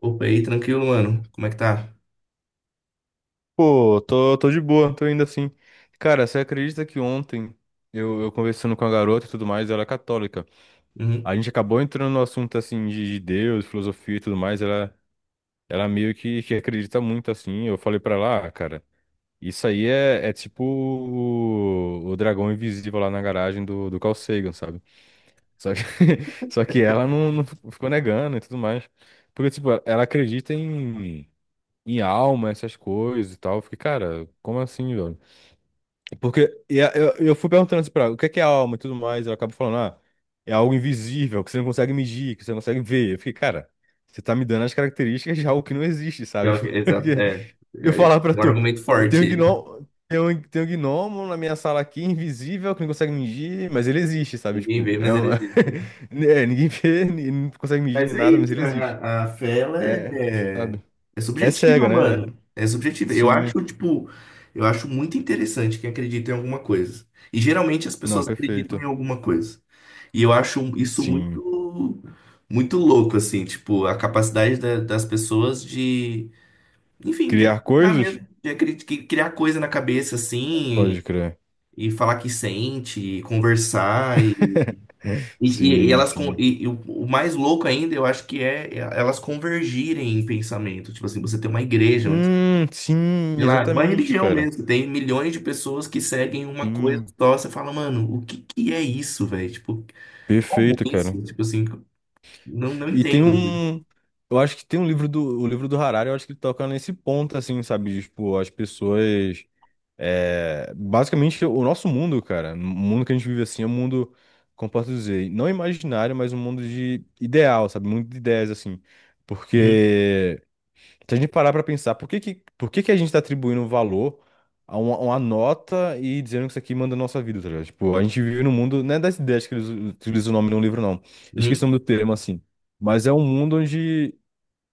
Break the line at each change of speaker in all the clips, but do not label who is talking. Opa, e aí, tranquilo, mano? Como é que tá?
Pô, tô de boa, tô indo assim. Cara, você acredita que ontem eu conversando com a garota e tudo mais, ela é católica.
Uhum.
A gente acabou entrando no assunto assim de Deus, filosofia e tudo mais, ela meio que acredita muito assim. Eu falei pra ela, ah, cara, isso aí é tipo o dragão invisível lá na garagem do Carl Sagan, sabe? Só que, só que ela não ficou negando e tudo mais. Porque, tipo, ela acredita em alma, essas coisas e tal. Eu fiquei, cara, como assim, velho? Porque e a- eu fui perguntando assim pra ela, o que é alma e tudo mais, ela acaba falando, ah, é algo invisível, que você não consegue medir, que você não consegue ver. Eu fiquei, cara, você tá me dando as características de algo que não existe, sabe?
Exato,
Porque
é.
eu
É
falar pra
um
tu,
argumento
eu
forte
tenho
aí.
gnomo, tem um gnomo na minha sala aqui, invisível, que não consegue medir, mas ele existe, sabe?
Ninguém
Tipo,
vê,
é
mas ele
uma...
existe.
é, ninguém vê, não consegue medir
Mas
nem
é
nada, mas
isso,
ele
né?
existe.
A fé, ela é,
É,
é,
sabe?
é
É
subjetiva,
cega, né?
mano. É subjetiva. Eu
Sim.
acho, tipo, eu acho muito interessante quem acredita em alguma coisa. E geralmente as
Não,
pessoas acreditam
perfeito.
em alguma coisa. E eu acho isso
Sim.
muito, muito louco, assim, tipo, a capacidade das pessoas de de
Criar
acreditar
coisas?
mesmo, criar coisa na cabeça assim,
Pode crer.
e falar que sente, e conversar, e,
Sim, sim.
e o mais louco ainda, eu acho que é elas convergirem em pensamento. Tipo assim, você tem uma igreja, onde,
Sim,
sei lá, uma
exatamente,
religião
cara.
mesmo, tem milhões de pessoas que seguem uma coisa
Sim,
só, você fala, mano, o que que é isso, velho? Tipo, como
perfeito, cara.
isso? Tipo assim, não
E tem
entendo.
um. Eu acho que tem um livro do. O livro do Harari, eu acho que ele toca nesse ponto, assim, sabe? De, tipo, as pessoas. É, basicamente, o nosso mundo, cara. O mundo que a gente vive assim é um mundo, como posso dizer, não imaginário, mas um mundo de ideal, sabe? Um mundo de ideias, assim.
Uhum,
Porque. Se a gente parar pra pensar, por que que a gente tá atribuindo um valor a uma nota e dizendo que isso aqui manda a nossa vida, tá ligado? Tipo, a gente vive num mundo, não é das ideias que eles utilizam o nome de um livro, não. Esqueci o
uhum.
nome do termo, assim. Mas é um mundo onde,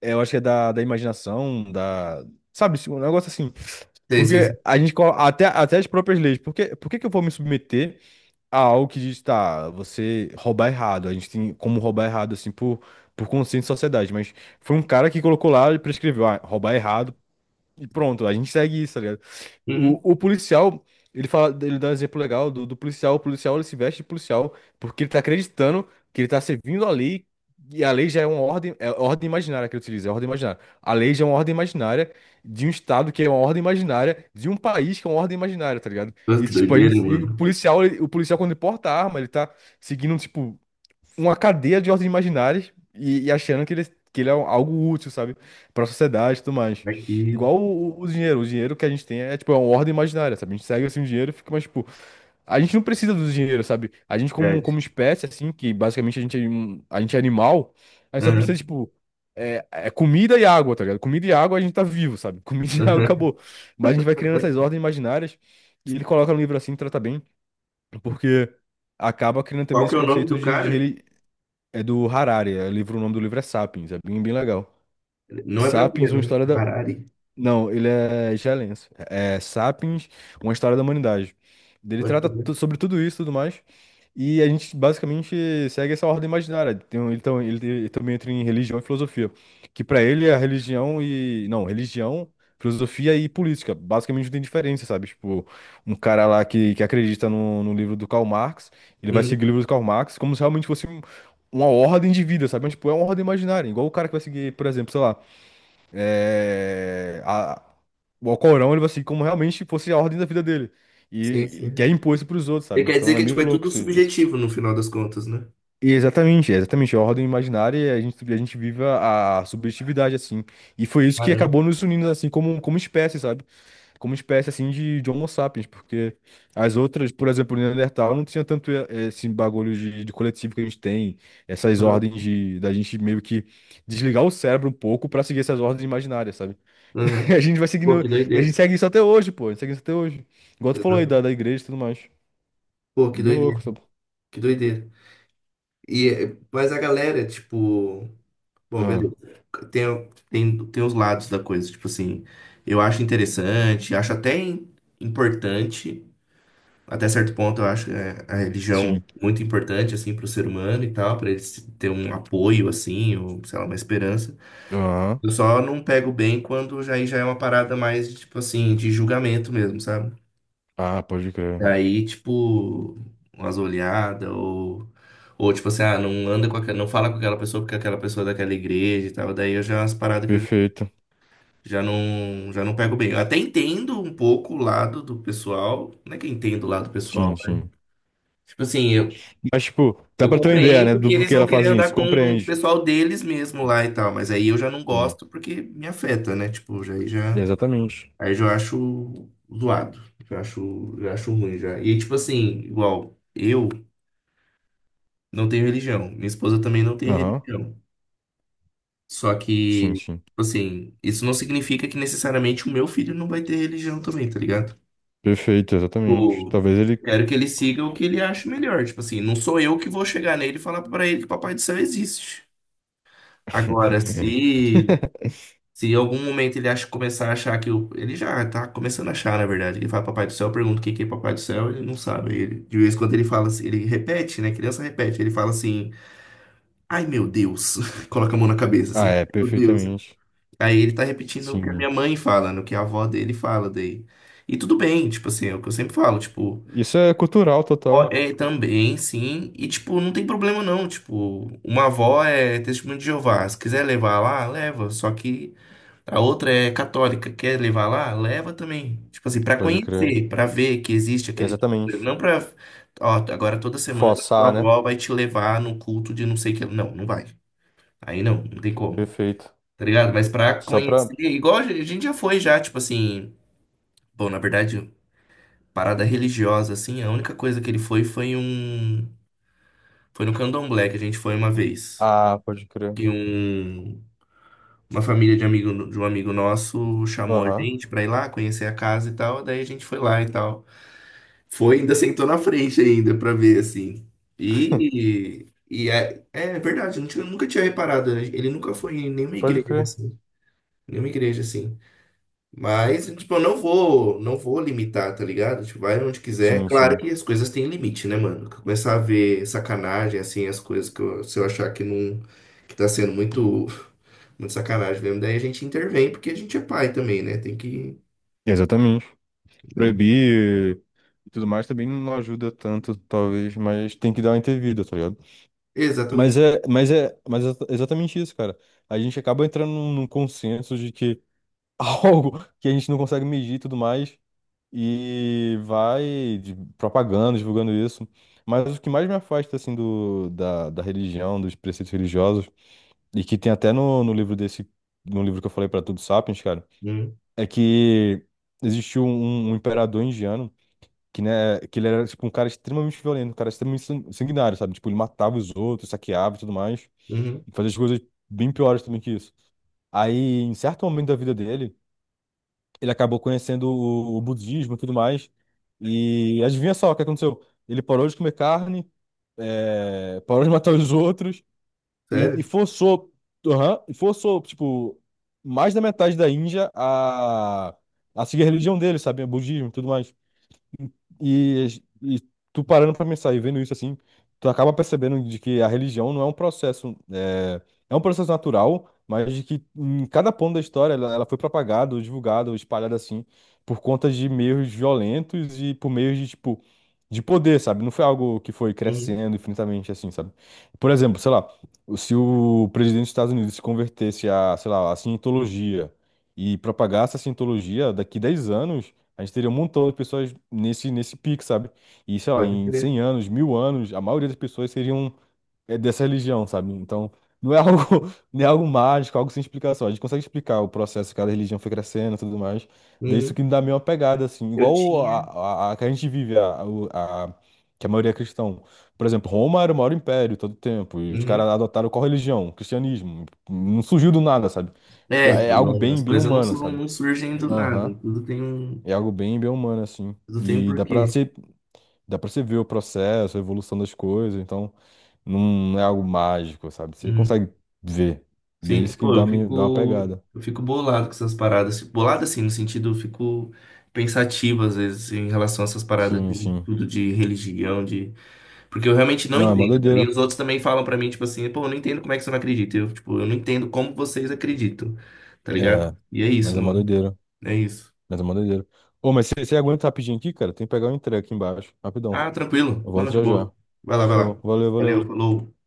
é, eu acho que é da imaginação, da... Sabe, tipo, um negócio assim.
Sei, sei, sei.
Porque a gente, até as próprias leis, por que que eu vou me submeter a algo que diz, tá, você roubar errado? A gente tem como roubar errado, assim, por consciência de sociedade, mas... Foi um cara que colocou lá e prescreveu, ah, roubar é errado e pronto, a gente segue isso, tá ligado?
Uhum.
O policial, ele fala, ele dá um exemplo legal do policial. O policial, ele se veste de policial porque ele tá acreditando que ele tá servindo a lei. E a lei já é uma ordem, é ordem imaginária que ele utiliza, é ordem imaginária. A lei já é uma ordem imaginária de um estado que é uma ordem imaginária, de um país que é uma ordem imaginária, tá ligado?
Nossa,
E
que
tipo, a
doideira,
gente, e o
mano.
policial, o policial quando ele porta a arma, ele tá seguindo, tipo, uma cadeia de ordens imaginárias e achando que ele é um, algo útil, sabe? Para a sociedade e tudo mais.
Aqui,
Igual o dinheiro. O dinheiro que a gente tem é, tipo, é uma ordem imaginária, sabe? A gente segue, assim, o dinheiro e fica, mas, tipo... A gente não precisa do dinheiro, sabe? A gente, como,
verdade.
como espécie, assim, que basicamente a gente é animal, a gente só precisa,
Aham.
tipo... É comida e água, tá ligado? Comida e água a gente tá vivo, sabe? Comida e água acabou. Mas a gente vai criando essas ordens imaginárias e ele coloca no livro assim, trata bem, porque acaba criando
Qual
também
que
esse
é o nome
conceito
do
de, de,
cara?
reli- É do Harari, é livro, o nome do livro é Sapiens, é bem, bem legal.
Ele não é
Sapiens,
brasileiro,
uma
né?
história da,
Harari.
não, ele é excelente. É Sapiens, uma história da humanidade. Ele
Eu acho que ele
sobre tudo isso e tudo mais. E a gente basicamente segue essa ordem imaginária. Tem um- Ele, tam- ele- ele também entra em religião e filosofia. Que pra ele é religião e. Não, religião, filosofia e política. Basicamente não tem diferença, sabe? Tipo, um cara lá que acredita no livro do Karl Marx, ele
é.
vai
Uhum.
seguir o livro do Karl Marx como se realmente fosse uma ordem de vida, sabe? Mas, tipo, é uma ordem imaginária. Igual o cara que vai seguir, por exemplo, sei lá é, a- o Alcorão, ele vai seguir como realmente fosse a ordem da vida dele.
Sim,
E que é
sim.
imposto pros outros,
Ele
sabe?
quer dizer
Então é
que tipo,
meio
é
louco
tudo
isso.
subjetivo no final das contas, né?
E exatamente. É a ordem imaginária, e a gente vive a subjetividade, assim. E foi isso que
Caramba.
acabou nos unindo, assim, como espécie, sabe? Como espécie, assim, de Homo sapiens. Porque as outras, por exemplo, o Neandertal não tinha tanto esse bagulho de coletivo que a gente tem, essas
Uhum.
ordens de, da gente meio que desligar o cérebro um pouco pra seguir essas ordens imaginárias, sabe? E
Uhum.
a gente vai
Pô,
seguindo.
que
E a gente
doideira.
segue isso até hoje, pô. A gente segue isso até hoje. Igual tu falou aí
Exato.
da igreja e tudo mais.
Pô,
É
que
bem
doideira.
louco, sabe?
Que doideira. E, é, mas a galera, tipo. Bom,
Ah,
beleza. Tem, tem, tem os lados da coisa. Tipo assim, eu acho interessante, importante. Até certo ponto, eu acho é, a religião
sim.
muito importante, assim, para o ser humano e tal, para ele se- ter um apoio, assim, ou, sei lá, uma esperança.
Ah,
Eu só não pego bem quando já, aí já é uma parada mais, tipo assim, de julgamento mesmo, sabe?
ah, pode crer.
Aí, tipo, umas olhadas, ou tipo assim, ah, não anda com aquela, não fala com aquela pessoa porque aquela pessoa é daquela igreja e tal. Daí eu já, as paradas que eu já,
Perfeito.
já não pego bem. Eu até entendo um pouco o lado do pessoal, não é que eu entendo o lado pessoal,
Sim,
né?
sim.
Tipo assim, eu,
Mas, tipo, dá
Eu
pra ter uma ideia, né?
compreendo que
Do
eles
porquê
vão
ela
querer
fazem
andar
isso.
com o
Compreende.
pessoal deles mesmo lá e tal, mas aí eu já não
Sim.
gosto porque me afeta, né? Tipo, já, aí já,
Exatamente.
aí já acho zoado, já acho ruim já. E tipo assim, igual, eu não tenho religião, minha esposa também não tem
Aham.
religião. Só
Sim,
que, tipo
sim.
assim, isso não significa que necessariamente o meu filho não vai ter religião também, tá ligado?
Perfeito, exatamente.
Tipo,
Talvez ele.
quero que ele siga o que ele acha melhor. Tipo assim, não sou eu que vou chegar nele e falar pra ele que o Papai do Céu existe. Agora, se se em algum momento ele acha, começar a achar que o. Ele já tá começando a achar, na verdade. Ele fala Papai do Céu, pergunta o que que é Papai do Céu, ele não sabe. Ele, de vez em quando ele fala assim, ele repete, né? Criança repete, ele fala assim, ai meu Deus. Coloca a mão na cabeça
Ah,
assim,
é,
meu Deus.
perfeitamente.
Aí ele tá repetindo o que a
Sim.
minha mãe fala, no que a avó dele fala daí. E tudo bem, tipo assim, é o que eu sempre falo, tipo,
Isso é cultural
ó,
total.
é também, sim. E tipo, não tem problema não. Tipo, uma avó é testemunho de Jeová. Se quiser levar lá, leva. Só que. A outra é católica, quer levar lá? Leva também. Tipo assim, pra
Pode crer.
conhecer, pra ver que existe aquele. Coisa.
Exatamente.
Não pra. Ó, agora toda semana tua
Forçar, né?
avó vai te levar no culto de não sei o que. Não, não vai. Aí não, não tem como.
Perfeito.
Tá ligado? Mas pra
Só
conhecer,
pra,
igual a gente já foi já, tipo assim. Bom, na verdade, parada religiosa, assim, a única coisa que ele foi foi um. Foi no Candomblé que a gente foi uma vez.
ah, pode crer.
E um. Uma família de amigo de um amigo nosso chamou a
Aham.
gente pra ir lá conhecer a casa e tal, daí a gente foi lá e tal. Foi, ainda sentou na frente ainda pra ver assim. E é, é verdade, eu nunca tinha reparado, né? Ele nunca foi em nenhuma
Pode
igreja
crer.
assim, nenhuma igreja assim. Mas, tipo, eu não vou, não vou limitar, tá ligado? Tipo, vai onde quiser.
Sim,
Claro
sim.
que as coisas têm limite, né, mano? Começar a ver sacanagem, assim, as coisas que eu, se eu achar que não, que tá sendo muito, muito sacanagem mesmo, daí a gente intervém, porque a gente é pai também, né? Tem que,
Exatamente.
né?
Proibir e tudo mais também não ajuda tanto, talvez, mas tem que dar uma intervida, tá ligado? Mas
Exatamente.
é, mas é, mas é exatamente isso, cara. A gente acaba entrando num consenso de que algo que a gente não consegue medir e tudo mais, e vai propagando, divulgando isso. Mas o que mais me afasta, assim, da religião, dos preceitos religiosos, e que tem até no livro desse, no livro que eu falei pra Tudo Sapiens, cara
Uhum,
é que existiu um, um imperador indiano que, né, que ele era, tipo, um cara extremamente violento, um cara extremamente sanguinário, sabe? Tipo, ele matava os outros, saqueava e tudo mais,
uhum.
e fazia as coisas bem piores também que isso. Aí, em certo momento da vida dele, ele acabou conhecendo o budismo e tudo mais, e adivinha só o que aconteceu? Ele parou de comer carne, parou de matar os outros, e
Sério?
forçou, aham, e forçou, tipo, mais da metade da Índia a seguir a religião dele, sabe? O budismo e tudo mais. E, e tu parando pra pensar e vendo isso assim, tu acaba percebendo de que a religião não é um processo, é, é um processo natural, mas de que em cada ponto da história ela foi propagada, ou divulgada, ou espalhada assim, por conta de meios violentos e por meios de, tipo, de poder, sabe? Não foi algo que foi
Uhum.
crescendo infinitamente assim, sabe? Por exemplo, sei lá, se o presidente dos Estados Unidos se convertesse a, sei lá, a cientologia e propagasse a cientologia daqui 10 anos. A gente teria um montão de pessoas nesse pico, sabe? E, sei lá,
Pode
em
crer.
100 anos, 1.000 anos, a maioria das pessoas seriam é, dessa religião, sabe? Então, não é algo, não é algo mágico, algo sem explicação. A gente consegue explicar o processo que cada religião foi crescendo e tudo mais. Daí isso
Uhum.
que me dá meio uma pegada, assim,
Eu
igual a,
tinha.
a, a que a gente vive, que a maioria é cristão. Por exemplo, Roma era o maior império todo o tempo, e os caras
Uhum.
adotaram qual religião? O Cristianismo. Não surgiu do nada, sabe?
É,
É
tipo,
algo
as
bem, bem
coisas
humano, sabe?
não surgem do
Aham.
nada.
É algo bem, bem humano, assim.
Tudo tem um
E
porquê.
dá pra você ver o processo, a evolução das coisas, então não é algo mágico, sabe? Você
Uhum.
consegue ver. Daí
Sim,
isso que
pô,
dá uma pegada.
eu fico bolado com essas paradas. Assim, bolado assim, no sentido, eu fico pensativo às vezes assim, em relação a essas paradas
Sim,
de
sim.
tudo de religião, de. Porque eu realmente não
Não, é uma
entendo, tá? E
doideira.
os outros também falam pra mim, tipo assim, pô, eu não entendo como é que você não acredita. Eu, tipo, eu não entendo como vocês acreditam, tá ligado?
É,
E é
mas
isso,
é uma
mano.
doideira.
É isso.
Mas é uma doideira. Ô, mas você aguenta rapidinho aqui, cara? Tem que pegar o entrega aqui embaixo. Rapidão.
Ah, tranquilo.
Eu
Não,
volto
de
já já.
boa. Vai lá, vai
Show.
lá.
Valeu,
Valeu,
valeu.
falou.